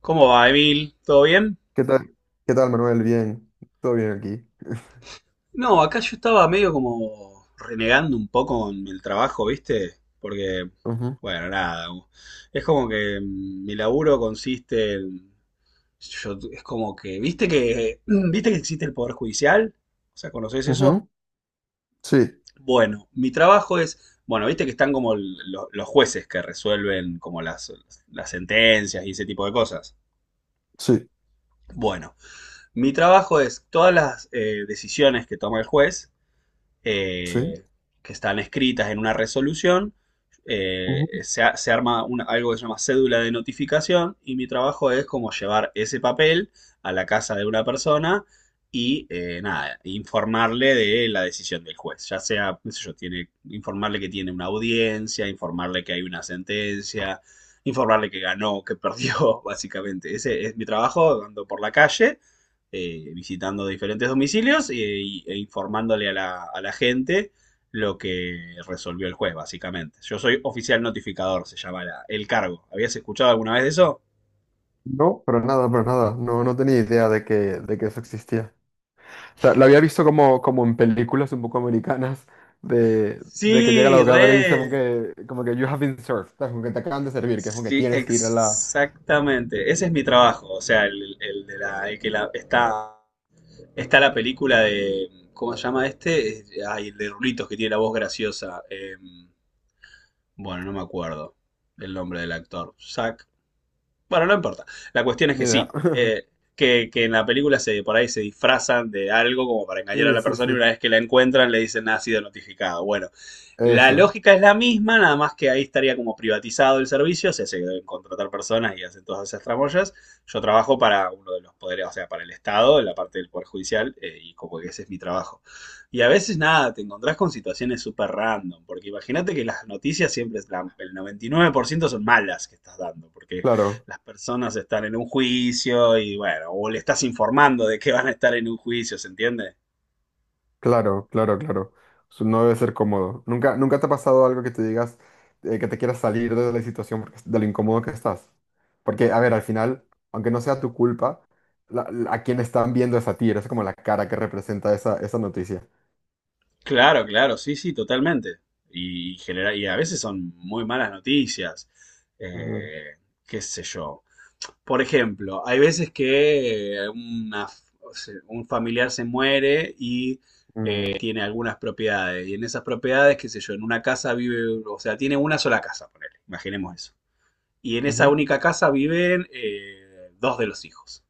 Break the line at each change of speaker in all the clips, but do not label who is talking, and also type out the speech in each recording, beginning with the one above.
¿Cómo va, Emil? ¿Todo bien?
¿Qué tal? ¿Qué tal, Manuel? Bien, todo bien aquí.
No, acá yo estaba medio como renegando un poco con el trabajo, ¿viste? Porque,
Ujú,
bueno, nada. Es como que mi laburo consiste en... es como que, ¿viste que existe el Poder Judicial? O sea, ¿conocés eso?
ujú, sí,
Bueno, mi trabajo es, bueno, viste que están como los jueces que resuelven como las sentencias y ese tipo de cosas.
sí,
Bueno, mi trabajo es todas las decisiones que toma el juez
sí,
eh, que están escritas en una resolución.
ujú.
Se, se arma algo que se llama cédula de notificación y mi trabajo es como llevar ese papel a la casa de una persona y nada, informarle de la decisión del juez, ya sea, qué sé yo, tiene, informarle que tiene una audiencia, informarle que hay una sentencia, informarle que ganó, que perdió, básicamente. Ese es mi trabajo, ando por la calle visitando diferentes domicilios e informándole a a la gente lo que resolvió el juez, básicamente. Yo soy oficial notificador, se llama el cargo. ¿Habías escuchado alguna vez de eso?
No, pero nada, pero nada. No, no tenía idea de que eso existía. O sea, lo había visto como, como en películas un poco americanas de que llega la
Sí,
abogada y le dice
re.
como que you have been served, ¿sabes? Como que te acaban de servir, que es como que
Sí,
tienes que ir a la...
exactamente. Ese es mi trabajo. O sea, el de el que está, está la película de, ¿cómo se llama este? Ay, el de Rulitos que tiene la voz graciosa. Bueno, no me acuerdo el nombre del actor. Zac. Bueno, no importa. La cuestión es
Ni
que
idea.
sí, que en la película se, por ahí se disfrazan de algo como para engañar a
Sí,
la
sí,
persona y
sí.
una vez que la encuentran le dicen: "Ah, ha sido notificado". Bueno, la
Eso,
lógica es la misma, nada más que ahí estaría como privatizado el servicio, o sea, se deben contratar personas y hacen todas esas tramoyas. Yo trabajo para uno de los poderes, o sea, para el Estado, en la parte del Poder Judicial, y como que ese es mi trabajo. Y a veces nada, te encontrás con situaciones súper random, porque imagínate que las noticias siempre, es el 99% son malas que estás dando, porque
claro.
las personas están en un juicio y bueno, o le estás informando de que van a estar en un juicio, ¿se entiende?
Claro, claro, claro. Su- No debe ser cómodo. ¿Nunca, nunca te ha pasado algo que te digas que te quieras salir de la situación, porque- de lo incómodo que estás? Porque, a ver, al final, aunque no sea tu culpa, la- la- a quien están viendo es a ti, eres como la cara que representa esa, esa noticia.
Claro, claro, sí, sí, totalmente. Y, y a veces son muy malas noticias.
Mm,
Eh, qué sé yo. Por ejemplo, hay veces que una o sea, un familiar se muere y
mm,
tiene algunas propiedades. Y en esas propiedades, qué sé yo, en una casa vive, o sea, tiene una sola casa, ponele, imaginemos eso. Y en esa
ujú,
única casa viven dos de los hijos.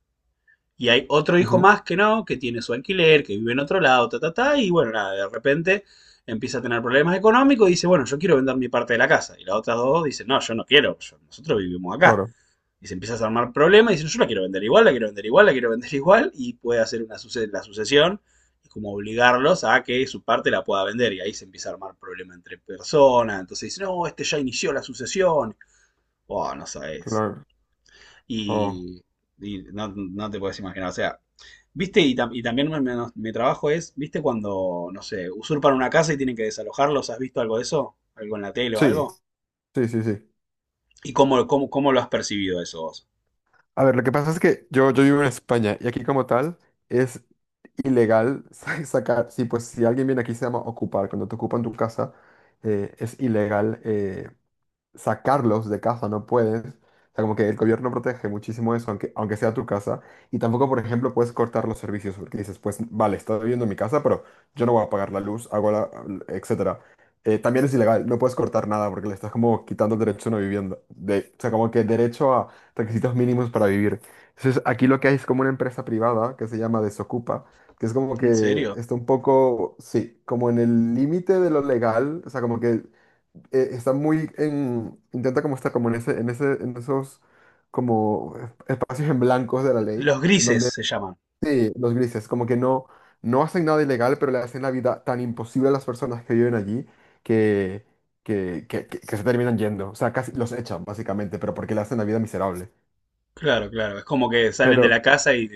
Y hay otro hijo
ujú,
más que no, que tiene su alquiler, que vive en otro lado, ta, ta, ta, y bueno, nada, de repente empieza a tener problemas económicos y dice, bueno, yo quiero vender mi parte de la casa. Y las otras dos dicen, no, yo no quiero, nosotros vivimos acá.
claro,
Y se empieza a armar problemas y dicen, yo la quiero vender igual, la quiero vender igual, la quiero vender igual, y puede hacer una la sucesión y como obligarlos a que su parte la pueda vender. Y ahí se empieza a armar problema entre personas. Entonces dicen, no, este ya inició la sucesión. Oh, no sabes.
claro. Oh,
Y, y no, no te puedes imaginar, o sea, viste, y, y también mi trabajo es, viste, cuando, no sé, usurpan una casa y tienen que desalojarlos, ¿has visto algo de eso? ¿Algo en la tele o algo?
sí, sí, sí, sí.
¿Y cómo lo has percibido eso vos?
A ver, lo que pasa es que yo vivo en España y aquí como tal es ilegal sa- sacar, sí, pues si alguien viene aquí se llama ocupar, cuando te ocupan tu casa es ilegal sacarlos de casa no puedes. O sea, como que el gobierno protege muchísimo eso, aunque, aunque sea tu casa. Y tampoco, por ejemplo, puedes cortar los servicios porque dices, pues vale, estoy viviendo en mi casa, pero yo no voy a pagar la luz, hago la, etcétera. También es ilegal, no puedes cortar nada porque le estás como quitando el derecho a una vivienda. De, o sea, como que derecho a requisitos mínimos para vivir. Entonces, aquí lo que hay es como una empresa privada que se llama Desocupa, que es como
¿En
que
serio?
está un poco, sí, como en el límite de lo legal, o sea, como que está muy en, intenta como estar como en ese, en esos como esp- espacios en blancos de la ley,
Los
en donde
grises se llaman.
sí, los grises, como que no, no hacen nada ilegal, pero le hacen la vida tan imposible a las personas que viven allí que, que se terminan yendo. O sea, casi los echan, básicamente, pero porque le hacen la vida miserable.
Claro, claro, es como que salen de
Pero,
la casa y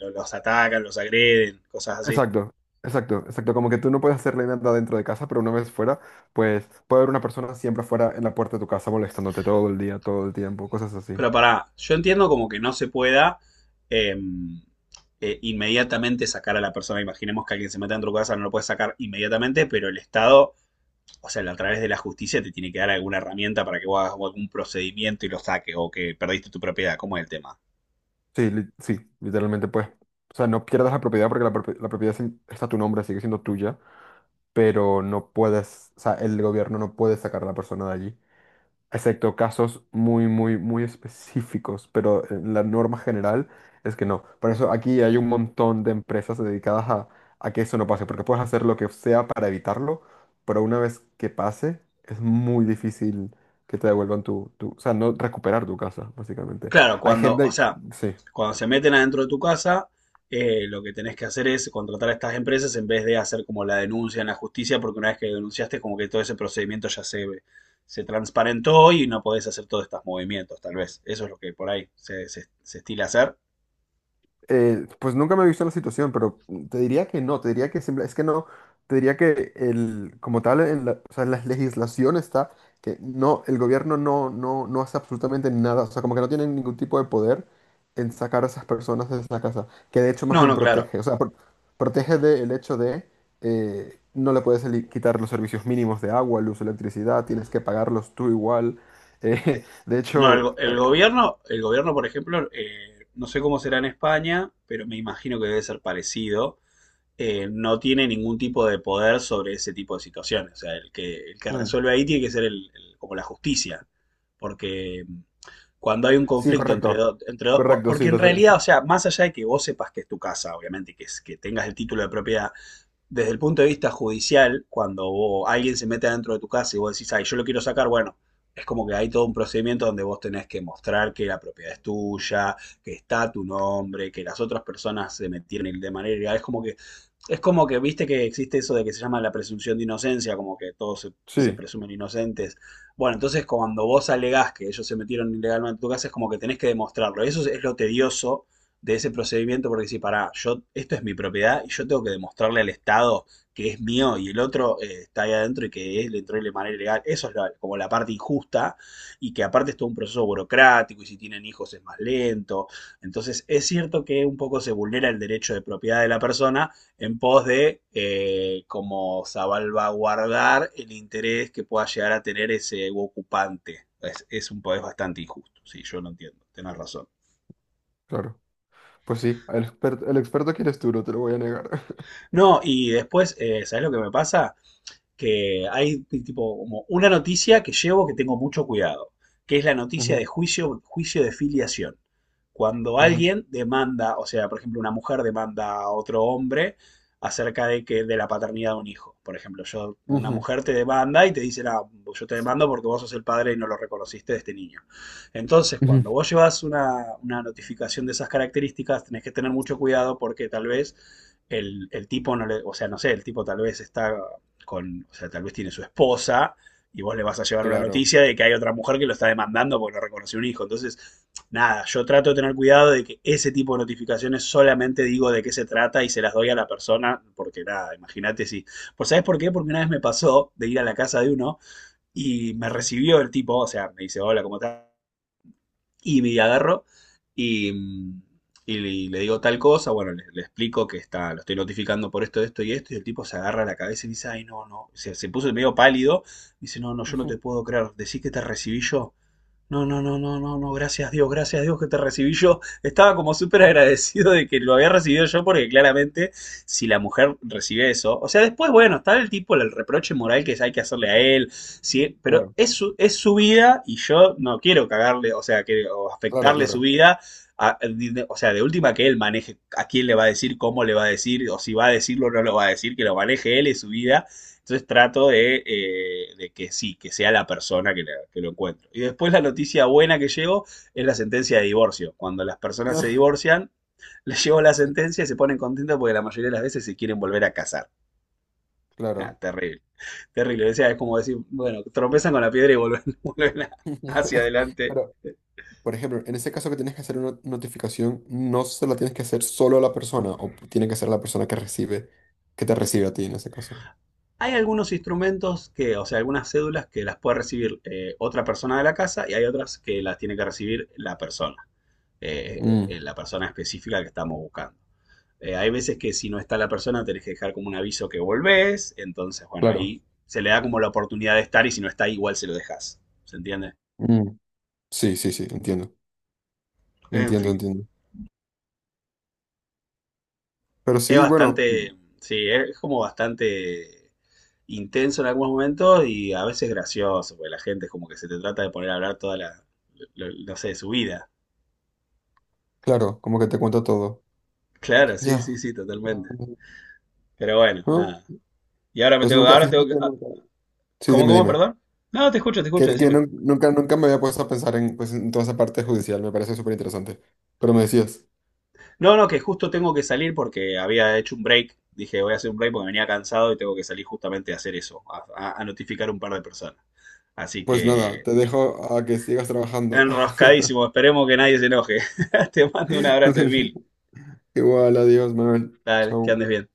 los atacan, los agreden, cosas así.
exacto. Exacto, exacto, como que tú no puedes hacerle nada dentro de casa, pero una vez fuera, pues puede haber una persona siempre fuera en la puerta de tu casa molestándote todo el día, todo el tiempo, cosas así.
Pero pará, yo entiendo como que no se pueda em, inmediatamente sacar a la persona. Imaginemos que alguien se meta en tu casa, no lo puedes sacar inmediatamente, pero el Estado, o sea, a través de la justicia te tiene que dar alguna herramienta para que vos hagas algún procedimiento y lo saques o que perdiste tu propiedad. ¿Cómo es el tema?
Sí, li- sí, literalmente pues. O sea, no pierdas la propiedad porque la, propi- la propiedad sin- está a tu nombre, sigue siendo tuya, pero no puedes, o sea, el gobierno no puede sacar a la persona de allí, excepto casos muy, muy, muy específicos, pero la norma general es que no. Por eso aquí hay un montón de empresas dedicadas a que eso no pase, porque puedes hacer lo que sea para evitarlo, pero una vez que pase, es muy difícil que te devuelvan tu, tu, o sea, no recuperar tu casa, básicamente.
Claro,
Hay
cuando, o
gente, que-
sea,
sí.
cuando se meten adentro de tu casa, lo que tenés que hacer es contratar a estas empresas en vez de hacer como la denuncia en la justicia, porque una vez que denunciaste, como que todo ese procedimiento ya se transparentó y no podés hacer todos estos movimientos, tal vez. Eso es lo que por ahí se, se estila hacer.
Pues nunca me he visto en la situación, pero te diría que no, te diría que simple- es que no, te diría que el, como tal, en la, o sea, en la legislación está que no, el gobierno no, no, no hace absolutamente nada, o sea, como que no tienen ningún tipo de poder en sacar a esas personas de esa casa, que de hecho más
No,
bien
no, claro.
protege, o sea, pro- protege del hecho de no le puedes eli- quitar los servicios mínimos de agua, luz, electricidad, tienes que pagarlos tú igual. De
No,
hecho,
el gobierno, por ejemplo, no sé cómo será en España, pero me imagino que debe ser parecido. No tiene ningún tipo de poder sobre ese tipo de situaciones. O sea, el que
mm,
resuelve ahí tiene que ser el, como la justicia. Porque cuando hay un
sí,
conflicto entre,
correcto.
entre dos,
Correcto,
porque
sí,
en
lo
realidad,
sé.
o sea, más allá de que vos sepas que es tu casa, obviamente, que, que tengas el título de propiedad, desde el punto de vista judicial, cuando alguien se mete adentro de tu casa y vos decís, ay, yo lo quiero sacar, bueno, es como que hay todo un procedimiento donde vos tenés que mostrar que la propiedad es tuya, que está tu nombre, que las otras personas se metieron de manera ilegal. Es como que, viste que existe eso de que se llama la presunción de inocencia, como que todos se, se
Sí,
presumen inocentes. Bueno, entonces cuando vos alegás que ellos se metieron ilegalmente en tu casa, es como que tenés que demostrarlo. Eso es lo tedioso de ese procedimiento porque si pará, yo, esto es mi propiedad y yo tengo que demostrarle al Estado que es mío y el otro está ahí adentro y que él entró de manera ilegal. Eso es como la parte injusta y que aparte es todo un proceso burocrático y si tienen hijos es más lento. Entonces es cierto que un poco se vulnera el derecho de propiedad de la persona en pos de como salvaguardar el interés que pueda llegar a tener ese ocupante. Es un poder bastante injusto, sí, yo lo entiendo, tenés razón.
claro. Pues sí, el experto que eres tú, no te lo voy a negar.
No, y después, ¿sabes lo que me pasa? Que hay tipo como una noticia que llevo que tengo mucho cuidado, que es la noticia de
Ujú,
juicio, juicio de filiación. Cuando
ujú,
alguien demanda, o sea, por ejemplo, una mujer demanda a otro hombre acerca de que de la paternidad de un hijo. Por ejemplo, yo, una
ujú,
mujer te demanda y te dice: "Ah, yo te demando porque vos sos el padre y no lo reconociste de este niño". Entonces,
ujú.
cuando vos llevas una notificación de esas características, tenés que tener mucho cuidado porque tal vez el tipo no le, o sea, no sé, el tipo tal vez está con, o sea, tal vez tiene su esposa y vos le vas a llevar una
Claro.
noticia de que hay otra mujer que lo está demandando porque no reconoció un hijo. Entonces, nada, yo trato de tener cuidado de que ese tipo de notificaciones solamente digo de qué se trata y se las doy a la persona, porque nada, imagínate si... Pues ¿sabes por qué? Porque una vez me pasó de ir a la casa de uno y me
Ujú,
recibió el tipo, o sea, me dice, hola, ¿cómo? Y me agarro y, y le digo tal cosa, bueno, le explico que está, lo estoy notificando por esto, esto y esto, y el tipo se agarra la cabeza y dice, ay, no, no, se puso medio pálido, dice, no, no, yo no
ujú,
te puedo creer, decís que te recibí yo. No, no, no, no, no, no, gracias Dios que te recibí yo. Estaba como súper
ujú.
agradecido de que lo había recibido yo, porque claramente si la mujer recibe eso, o sea, después, bueno, está el tipo, el reproche moral que hay que hacerle a él, ¿sí? Pero
Claro,
es su vida y yo no quiero cagarle, o sea, que, o
claro,
afectarle su
claro.
vida. a- o sea, de última que él maneje a quién le va a decir, cómo le va a decir, o si va a decirlo o no lo va a decir, que lo maneje él y su vida, entonces trato de que sí, que sea la persona que, que lo encuentro. Y después la noticia buena que llevo es la sentencia de divorcio. Cuando las personas se
Ah,
divorcian, les llevo la
sí,
sentencia y se ponen contentos porque la mayoría de las veces se quieren volver a casar. Ah,
claro.
terrible, terrible. O sea, es como decir, bueno, tropezan con la piedra y vuelven, hacia adelante.
Pero, por ejemplo, en ese caso que tienes que hacer una notificación, no se la tienes que hacer solo a la persona, o tiene que ser la persona que recibe, que te recibe a ti en ese caso.
Hay algunos instrumentos que, o sea, algunas cédulas que las puede recibir otra persona de la casa y hay otras que las tiene que recibir
Mm,
la persona específica que estamos buscando. Hay veces que si no está la persona tenés que dejar como un aviso que volvés, entonces bueno,
claro.
ahí se le da como la oportunidad de estar y si no está igual se lo dejas, ¿se entiende?
Mm, sí, sí, sí, entiendo.
En
Entiendo,
fin.
entiendo. Pero
Es
sí, bueno,
bastante, sí, es como bastante intenso en algunos momentos y a veces gracioso, porque la gente es como que se te trata de poner a hablar toda la, no sé, su vida.
claro, como que te cuenta todo.
Claro, sí,
Ya.
sí, sí, totalmente. Pero bueno,
Ah,
nada. Y ahora me
pues
tengo,
nunca,
ahora
fíjate
tengo que,
que
ah,
nunca. Sí, dime, dime.
perdón? No, te escucho,
Que
decime.
nun- nunca, nunca me había puesto a pensar en, pues, en toda esa parte judicial, me parece súper interesante. Pero me decías,
No, no, que justo tengo que salir porque había hecho un break. Dije, voy a hacer un break porque venía cansado y tengo que salir justamente a hacer eso, a notificar a un par de personas. Así
pues nada,
que,
te dejo a que sigas trabajando.
enroscadísimo, esperemos que nadie se enoje. Te mando un abrazo, Emil.
Igual, adiós, Manuel.
Dale, que andes
Chau.
bien.